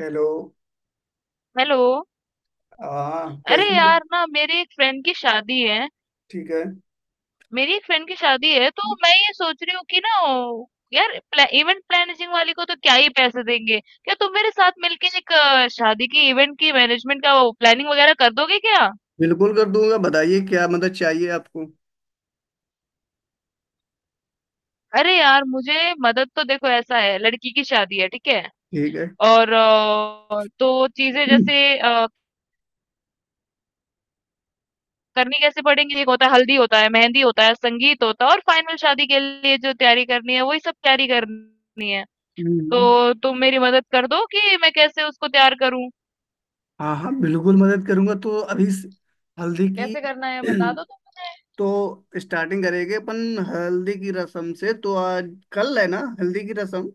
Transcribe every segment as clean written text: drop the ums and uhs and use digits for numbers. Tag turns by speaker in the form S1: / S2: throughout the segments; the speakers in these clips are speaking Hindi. S1: हेलो।
S2: हेलो।
S1: हाँ,
S2: अरे
S1: कैसे हो?
S2: यार ना मेरी एक फ्रेंड की शादी है।
S1: ठीक है।
S2: मेरी एक फ्रेंड की शादी है तो मैं ये सोच रही हूँ कि ना यार इवेंट प्लानिंग वाली को तो क्या ही पैसे देंगे। क्या तुम मेरे साथ मिलके एक शादी की इवेंट की मैनेजमेंट का प्लानिंग वगैरह कर दोगे क्या?
S1: बिल्कुल कर दूंगा, बताइए क्या मदद चाहिए आपको।
S2: अरे यार मुझे मदद तो देखो ऐसा है, लड़की की शादी है ठीक है।
S1: ठीक है।
S2: और तो चीजें
S1: हम्म।
S2: जैसे करनी कैसे पड़ेंगी? एक होता है हल्दी, होता है मेहंदी, होता है संगीत, होता है और फाइनल शादी के लिए जो तैयारी करनी है वही सब तैयारी करनी है। तो तुम मेरी मदद कर दो कि मैं कैसे उसको तैयार करूं।
S1: हाँ हाँ बिल्कुल मदद करूंगा। तो अभी इस हल्दी की
S2: कैसे करना है बता दो तुम मुझे।
S1: तो स्टार्टिंग करेंगे अपन हल्दी की रस्म से। तो आज कल है ना हल्दी की रस्म।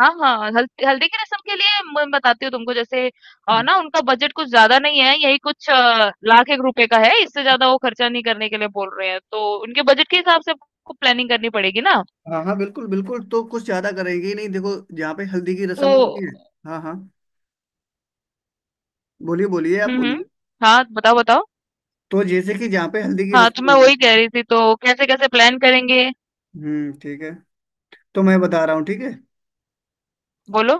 S2: हाँ हाँ, हल्दी हल्दी की रस्म के लिए मैं बताती हूँ तुमको। जैसे ना उनका बजट कुछ ज्यादा नहीं है, यही कुछ लाख एक रुपए का है। इससे ज्यादा वो खर्चा नहीं करने के लिए बोल रहे हैं, तो उनके बजट के हिसाब से आपको प्लानिंग करनी पड़ेगी ना।
S1: हाँ हाँ बिल्कुल बिल्कुल, तो कुछ ज्यादा करेंगे ही नहीं। देखो जहाँ पे हल्दी की
S2: तो
S1: रस्म होगी। हाँ हाँ। बोलिए बोलिए, आप
S2: हम्म।
S1: बोलिए।
S2: हाँ बताओ बताओ।
S1: तो जैसे कि जहाँ पे हल्दी की
S2: हाँ,
S1: रस्म
S2: तो मैं
S1: होगी।
S2: वही कह रही थी, तो कैसे कैसे प्लान करेंगे?
S1: ठीक है। तो मैं बता रहा हूँ, ठीक है।
S2: बोलो।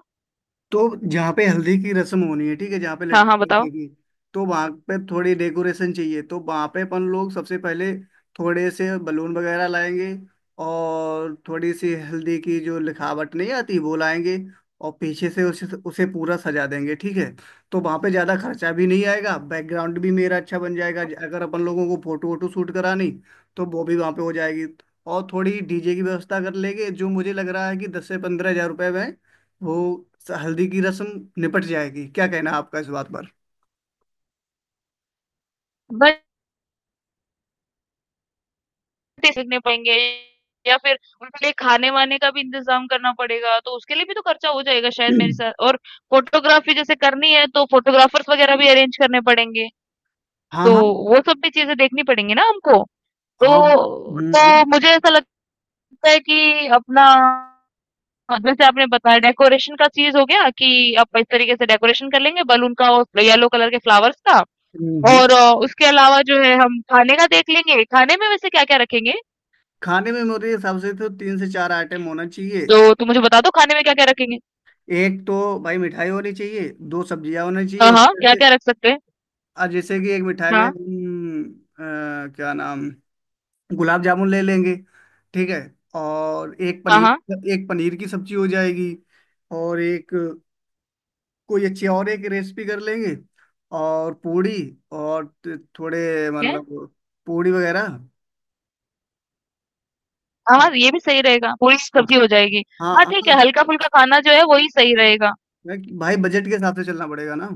S1: तो जहाँ पे हल्दी की रस्म होनी है, ठीक है, जहाँ पे
S2: हाँ
S1: लड़की
S2: हाँ बताओ।
S1: बैठेगी, तो वहां पे थोड़ी डेकोरेशन चाहिए। तो वहां पे अपन लोग सबसे पहले थोड़े से बलून वगैरह लाएंगे, और थोड़ी सी हल्दी की जो लिखावट नहीं आती वो लाएंगे, और पीछे से उसे उसे पूरा सजा देंगे, ठीक है। तो वहां पे ज्यादा खर्चा भी नहीं आएगा, बैकग्राउंड भी मेरा अच्छा बन जाएगा। अगर अपन लोगों को फोटो वोटो शूट करानी, तो वो भी वहां पे हो जाएगी। और थोड़ी डीजे की व्यवस्था कर लेंगे, जो मुझे लग रहा है कि 10 से 15 हजार रुपये में वो हल्दी की रस्म निपट जाएगी। क्या कहना है आपका इस बात पर?
S2: देखने पाएँगे या फिर उनके लिए खाने-वाने का भी इंतज़ाम करना पड़ेगा, तो उसके लिए भी तो खर्चा हो जाएगा शायद मेरे साथ। और फ़ोटोग्राफ़ी जैसे करनी है तो फ़ोटोग्राफ़र्स वग़ैरह भी अरेंज करने पड़ेंगे,
S1: हाँ
S2: तो
S1: हाँ
S2: वो सब भी चीज़ें देखनी पड़ेंगी ना हमको।
S1: हाँ।
S2: तो
S1: हम्म।
S2: तो मुझे ऐसा लगता है कि अपना जैसे आपने बताया डेकोरेशन का चीज़ हो गया कि आप इस तरीके से डेकोरेशन कर लेंगे बलून का और येलो कलर के फ्लावर्स का।
S1: हम्म। हम्म।
S2: और उसके अलावा जो है हम खाने का देख लेंगे। खाने में वैसे क्या-क्या रखेंगे?
S1: खाने में मेरे हिसाब से तो 3 से 4 आइटम होना चाहिए।
S2: तो तुम मुझे बता दो खाने में क्या-क्या रखेंगे?
S1: एक तो भाई मिठाई होनी चाहिए, दो सब्जियां होनी चाहिए
S2: हाँ, हाँ,
S1: उसमें।
S2: क्या-क्या रख सकते हैं?
S1: और जैसे कि एक मिठाई में
S2: हाँ,
S1: क्या नाम, गुलाब जामुन ले लेंगे, ठीक है। और एक
S2: हाँ, हाँ,
S1: पनीर, एक पनीर की सब्जी हो जाएगी। और एक कोई अच्छी और एक रेसिपी कर लेंगे, और पूड़ी, और थोड़े
S2: ठीक है।
S1: मतलब पूड़ी वगैरह।
S2: हाँ, हाँ,
S1: और-
S2: ये भी सही रहेगा, पूरी
S1: हाँ
S2: सब्ज़ी हो जाएगी।
S1: हाँ
S2: हाँ, ठीक
S1: हाँ,
S2: है, हल्का-फुल्का खाना जो है, वही सही रहेगा।
S1: भाई बजट के हिसाब से चलना पड़ेगा ना।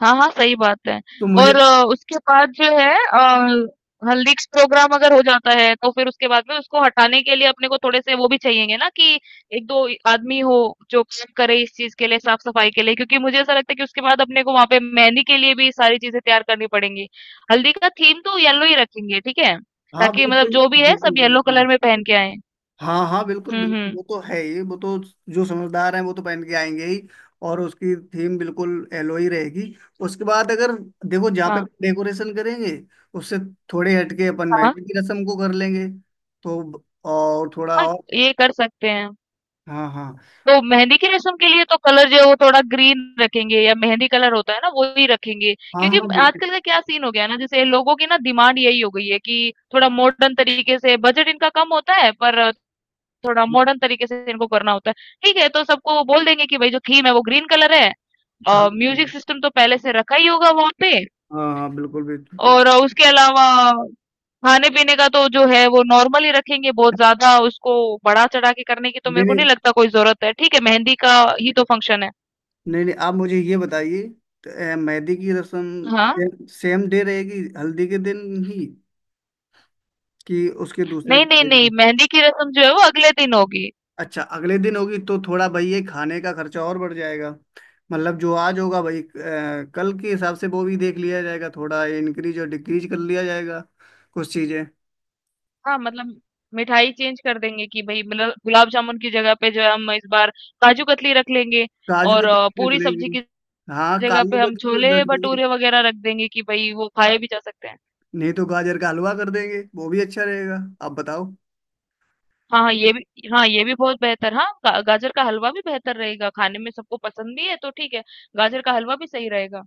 S2: हाँ, हाँ, सही बात है।
S1: तो मुझे,
S2: और उसके बाद जो है हल्दी का प्रोग्राम अगर हो जाता है तो फिर उसके बाद में उसको हटाने के लिए अपने को थोड़े से वो भी चाहिएंगे ना कि एक दो आदमी हो जो काम करे इस चीज के लिए, साफ सफाई के लिए। क्योंकि मुझे ऐसा लगता है कि उसके बाद अपने को वहां पे मेहंदी के लिए भी सारी चीजें तैयार करनी पड़ेंगी। हल्दी का थीम तो येलो ही रखेंगे, ठीक है,
S1: हाँ
S2: ताकि मतलब
S1: बिल्कुल
S2: जो भी है
S1: बिल्कुल
S2: सब येलो
S1: बिल्कुल।
S2: कलर में पहन के आए।
S1: हाँ हाँ बिल्कुल बिल्कुल,
S2: हम्म।
S1: वो तो है ही, वो तो जो समझदार हैं वो तो पहन के आएंगे ही। और उसकी थीम बिल्कुल एलो ही रहेगी। उसके बाद अगर देखो, जहाँ पे
S2: हाँ
S1: डेकोरेशन करेंगे उससे थोड़े हटके अपन
S2: हाँ।
S1: मेहंदी की रस्म को कर लेंगे। तो और थोड़ा
S2: हाँ
S1: और,
S2: ये कर सकते हैं।
S1: हाँ हाँ
S2: तो मेहंदी की रस्म के लिए तो कलर जो है वो थोड़ा ग्रीन रखेंगे, या मेहंदी कलर होता है ना वो ही रखेंगे।
S1: हाँ
S2: क्योंकि
S1: हाँ बिल्कुल।
S2: आजकल का क्या सीन हो गया है ना, जैसे लोगों की ना डिमांड यही हो गई है कि थोड़ा मॉडर्न तरीके से, बजट इनका कम होता है पर थोड़ा
S1: ठीक,
S2: मॉडर्न तरीके से इनको करना होता है। ठीक है, तो सबको बोल देंगे कि भाई जो थीम है वो ग्रीन कलर है।
S1: हाँ
S2: और म्यूजिक सिस्टम तो पहले से रखा ही होगा वहां पे।
S1: हाँ हाँ, बिल्कुल बिल्कुल।
S2: और उसके अलावा खाने पीने का तो जो है वो नॉर्मल ही रखेंगे, बहुत ज्यादा उसको बढ़ा चढ़ा के करने की तो
S1: नहीं
S2: मेरे को
S1: नहीं,
S2: नहीं लगता कोई जरूरत है। ठीक है, मेहंदी का ही तो फंक्शन है।
S1: नहीं नहीं, आप मुझे ये बताइए। तो, मेहंदी की
S2: हाँ,
S1: रस्म सेम डे रहेगी हल्दी के दिन ही, कि उसके दूसरे
S2: नहीं, नहीं,
S1: दिन?
S2: मेहंदी की रस्म जो है वो अगले दिन होगी।
S1: अच्छा, अगले दिन होगी। तो थोड़ा भाई ये खाने का खर्चा और बढ़ जाएगा। मतलब जो आज होगा भाई, कल के हिसाब से वो भी देख लिया जाएगा, थोड़ा इंक्रीज और डिक्रीज कर लिया जाएगा कुछ चीजें।
S2: हाँ, मतलब मिठाई चेंज कर देंगे कि भई मतलब गुलाब जामुन की जगह पे जो है हम इस बार काजू कतली रख लेंगे।
S1: काजू
S2: और
S1: कतली भी रख
S2: पूरी सब्जी
S1: लेंगे।
S2: की
S1: हाँ
S2: जगह
S1: काजू
S2: पे हम
S1: कतली भी
S2: छोले
S1: रख लेंगे।
S2: भटूरे वगैरह रख देंगे कि भई वो खाए भी जा सकते हैं।
S1: नहीं तो गाजर का हलवा कर देंगे, वो भी अच्छा रहेगा। आप बताओ।
S2: हाँ, हाँ, ये भी, हाँ, ये भी बहुत बेहतर, हाँ, गाजर का हलवा भी बेहतर रहेगा। खाने में सबको पसंद भी है तो ठीक है, गाजर का हलवा भी सही रहेगा।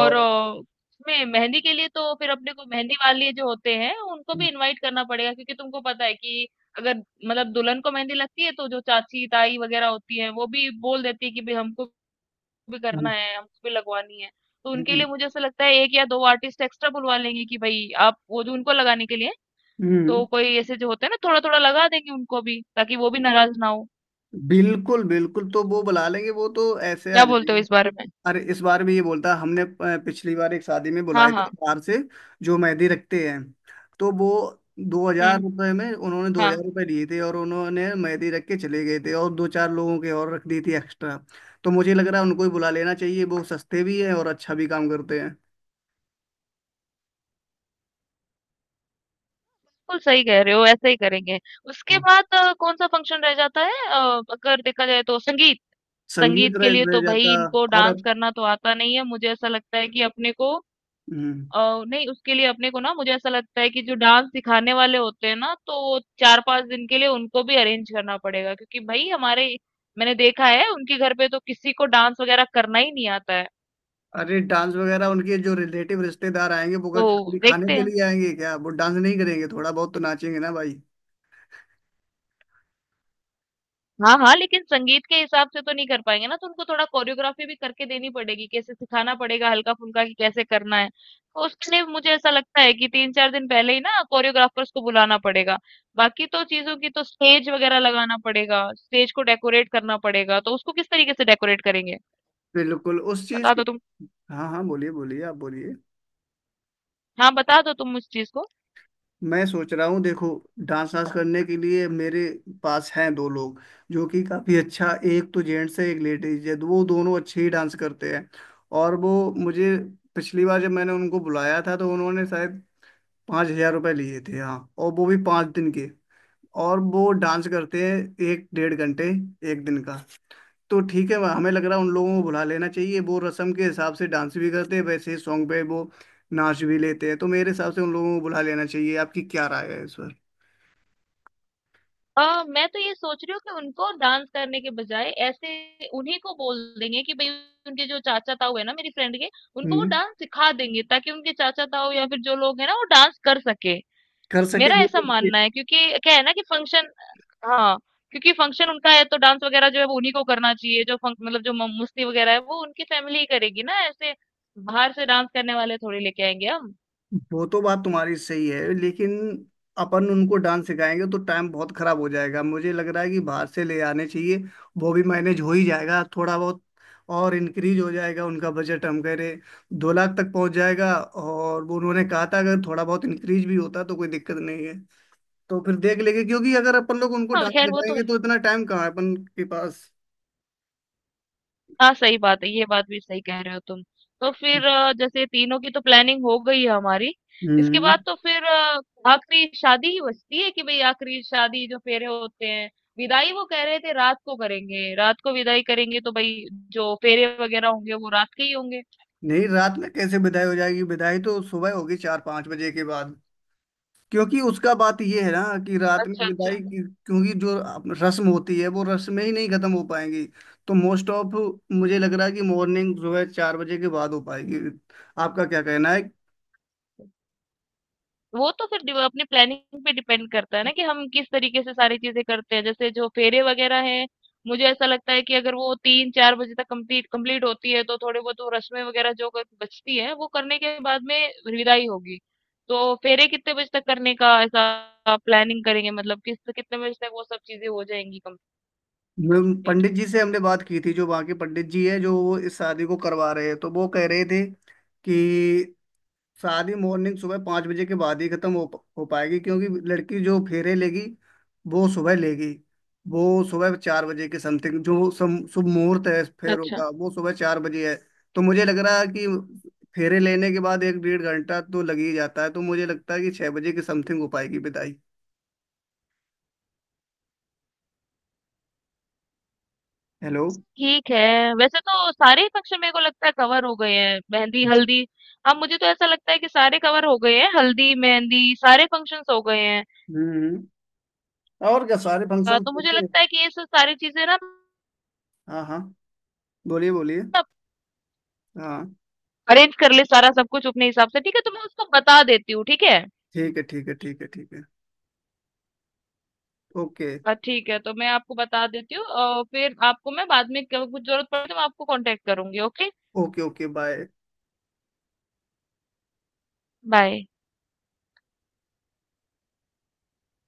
S2: और उसमें मेहंदी के लिए तो फिर अपने को मेहंदी वाले जो होते हैं उनको भी इनवाइट करना पड़ेगा, क्योंकि तुमको पता है कि अगर मतलब दुल्हन को मेहंदी लगती है तो जो चाची ताई वगैरह होती है वो भी बोल देती है कि भाई हमको भी करना
S1: हम्म
S2: है, हमको भी लगवानी है। तो उनके लिए मुझे ऐसा लगता है एक या दो आर्टिस्ट एक्स्ट्रा बुलवा लेंगे कि भाई आप वो जो उनको लगाने के लिए, तो
S1: हम्म,
S2: कोई ऐसे जो होते हैं ना थोड़ा थोड़ा लगा देंगे उनको भी, ताकि वो भी नाराज ना हो।
S1: बिल्कुल बिल्कुल, तो वो बुला लेंगे, वो तो ऐसे आ
S2: क्या बोलते हो
S1: जाएंगे।
S2: इस बारे में?
S1: अरे इस बार भी ये बोलता, हमने पिछली बार एक शादी में
S2: हाँ
S1: बुलाए थे
S2: हाँ
S1: बाहर से, जो मेहंदी रखते हैं। तो वो दो हजार
S2: हम्म।
S1: रुपये में, उन्होंने दो
S2: हाँ
S1: हजार रुपये दिए थे और उन्होंने मेहंदी रख के चले गए थे, और दो चार लोगों के और रख दी थी एक्स्ट्रा। तो मुझे लग रहा है उनको ही बुला लेना चाहिए, वो सस्ते भी हैं और अच्छा भी काम करते हैं।
S2: बिल्कुल सही कह रहे हो, ऐसे ही करेंगे। उसके
S1: हाँ।
S2: बाद कौन-सा फंक्शन रह जाता है? अगर देखा जाए तो संगीत।
S1: संगीत
S2: संगीत के
S1: रह,
S2: लिए
S1: रह
S2: तो भई
S1: जाता।
S2: इनको
S1: और
S2: डांस करना तो आता नहीं है। मुझे ऐसा लगता है कि अपने को
S1: हम्म,
S2: अ, नहीं उसके लिए अपने को ना मुझे ऐसा लगता है कि जो डांस सिखाने वाले होते हैं ना, तो 4-5 दिन के लिए उनको भी अरेंज करना पड़ेगा क्योंकि भई हमारे, मैंने देखा है उनके घर पे तो किसी को डांस वगैरह करना ही नहीं आता है।
S1: अरे डांस वगैरह उनके जो रिलेटिव रिश्तेदार आएंगे, वो क्या
S2: तो
S1: खाली खाने
S2: देखते
S1: के
S2: हैं।
S1: लिए आएंगे क्या? वो डांस नहीं करेंगे? थोड़ा बहुत तो नाचेंगे ना भाई।
S2: हाँ, हाँ, लेकिन संगीत के हिसाब से तो नहीं कर पाएँगे ना, तो उनको थोड़ा कोरियोग्राफ़ी भी करके देनी पड़ेगी, कैसे सिखाना पड़ेगा हल्का-फुल्का कि कैसे करना है। तो उसके लिए मुझे ऐसा लगता है कि 3-4 दिन पहले ही ना कोरियोग्राफ़र्स को बुलाना पड़ेगा। बाकी तो चीज़ों की तो स्टेज वग़ैरह लगाना पड़ेगा, स्टेज को डेकोरेट करना पड़ेगा, तो उसको किस तरीके से डेकोरेट करेंगे?
S1: बिल्कुल उस चीज
S2: बता
S1: को।
S2: दो तुम।
S1: हाँ हाँ, बोलिए बोलिए, आप बोलिए।
S2: हाँ, बता दो तुम उस चीज़ को।
S1: मैं सोच रहा हूँ, देखो, डांस वांस करने के लिए मेरे पास हैं दो लोग, जो कि काफी अच्छा, एक तो जेंट्स है एक लेडीज है, वो दोनों अच्छे ही डांस करते हैं। और वो मुझे, पिछली बार जब मैंने उनको बुलाया था तो उन्होंने शायद 5 हजार रुपये लिए थे, हाँ, और वो भी 5 दिन के। और वो डांस करते हैं एक डेढ़ घंटे एक दिन का। तो ठीक है, हमें लग रहा है उन लोगों को बुला लेना चाहिए। वो रस्म के हिसाब से डांस भी करते हैं, वैसे ही सॉन्ग पे वो नाच भी लेते हैं। तो मेरे हिसाब से उन लोगों को बुला लेना चाहिए, आपकी क्या राय है इस पर?
S2: मैं तो ये सोच रही हूँ कि उनको डांस करने के बजाय ऐसे उन्हीं को बोल देंगे कि भाई उनके जो चाचा ताऊ है ना मेरी फ्रेंड के, उनको वो
S1: हम्म,
S2: डांस सिखा देंगे ताकि उनके चाचा ताऊ या फिर जो लोग हैं ना वो डांस कर सके।
S1: कर सके
S2: मेरा
S1: वो
S2: ऐसा
S1: तो।
S2: मानना है क्योंकि क्या है ना कि फंक्शन, हाँ, क्योंकि फंक्शन उनका है तो डांस वगैरह जो है वो उन्हीं को करना चाहिए। जो फंक मतलब जो मस्ती वगैरह है वो उनकी फैमिली ही करेगी ना, ऐसे बाहर से डांस करने वाले थोड़ी लेके आएंगे हम।
S1: वो तो बात तुम्हारी सही है, लेकिन अपन उनको डांस सिखाएंगे तो टाइम बहुत खराब हो जाएगा। मुझे लग रहा है कि बाहर से ले आने चाहिए, वो भी मैनेज हो ही जाएगा, थोड़ा बहुत और इंक्रीज हो जाएगा उनका बजट। हम कह रहे 2 लाख तक पहुंच जाएगा, और वो उन्होंने कहा था अगर थोड़ा बहुत इंक्रीज भी होता तो कोई दिक्कत नहीं है। तो फिर देख लेंगे, क्योंकि अगर अपन लोग उनको
S2: हाँ
S1: डांस
S2: खैर वो तो,
S1: सिखाएंगे तो इतना टाइम कहाँ है अपन के पास।
S2: हाँ, सही बात है, ये बात भी सही कह रहे हो तुम। तो फिर जैसे तीनों की तो प्लानिंग हो गई है हमारी, इसके
S1: हम्म।
S2: बाद तो फिर आखिरी शादी ही बचती है कि भई आखिरी शादी जो फेरे होते हैं, विदाई वो कह रहे थे रात को करेंगे, रात को विदाई करेंगे तो भई जो फेरे वगैरह होंगे वो रात के ही होंगे।
S1: नहीं, रात में कैसे विदाई हो जाएगी? विदाई तो सुबह होगी, 4-5 बजे के बाद, क्योंकि उसका बात ये है ना कि रात में
S2: अच्छा,
S1: विदाई
S2: अच्छा।
S1: की- क्योंकि जो रस्म होती है वो रस्म में ही नहीं खत्म हो पाएंगी। तो मोस्ट ऑफ, मुझे लग रहा है कि मॉर्निंग जो है 4 बजे के बाद हो पाएगी। आपका क्या कहना है?
S2: वो तो फिर अपनी प्लानिंग पे डिपेंड करता है ना कि हम किस तरीके से सारी चीजें करते हैं। जैसे जो फेरे वगैरह हैं मुझे ऐसा लगता है कि अगर वो 3-4 बजे तक कंप्लीट कंप्लीट होती है तो थोड़े बहुत वो रस्में वगैरह जो बचती है वो करने के बाद में विदाई होगी। तो फेरे कितने बजे तक करने का ऐसा प्लानिंग करेंगे, मतलब किस कितने बजे तक वो सब चीजें हो जाएंगी
S1: मैं-
S2: कंप्लीट?
S1: पंडित जी से हमने बात की थी, जो वहाँ के पंडित जी है जो वो इस शादी को करवा रहे हैं, तो वो कह रहे थे कि शादी मॉर्निंग सुबह 5 बजे के बाद ही खत्म हो हो पाएगी। क्योंकि लड़की जो फेरे लेगी वो सुबह लेगी। वो सुबह 4 बजे के समथिंग, जो शुभ मुहूर्त है फेरों
S2: अच्छा,
S1: का वो सुबह 4 बजे है। तो मुझे लग रहा है कि फेरे लेने के बाद एक डेढ़ घंटा तो लग ही जाता है, तो मुझे लगता है कि 6 बजे के समथिंग हो पाएगी विदाई। हेलो।
S2: ठीक है, वैसे तो सारे ही फंक्शन मेरे को लगता है कवर हो गए हैं, मेहंदी हल्दी। अब मुझे तो ऐसा लगता है कि सारे कवर हो गए हैं, हल्दी मेहंदी सारे फंक्शंस हो गए हैं।
S1: हम्म, और क्या सारे फंक्शन?
S2: तो मुझे लगता है कि ये सब सारी चीजें ना
S1: हाँ हाँ, बोलिए बोलिए। हाँ
S2: अरेंज कर ले सारा सब कुछ अपने हिसाब से, ठीक है तो मैं उसको बता देती हूँ ठीक है।
S1: ठीक है ठीक है ठीक है ठीक है। ओके
S2: हाँ, ठीक है तो मैं आपको बता देती हूँ और फिर आपको मैं बाद में कुछ जरूरत पड़े तो मैं आपको कांटेक्ट करूंगी। Okay
S1: okay okay, bye.
S2: Bye.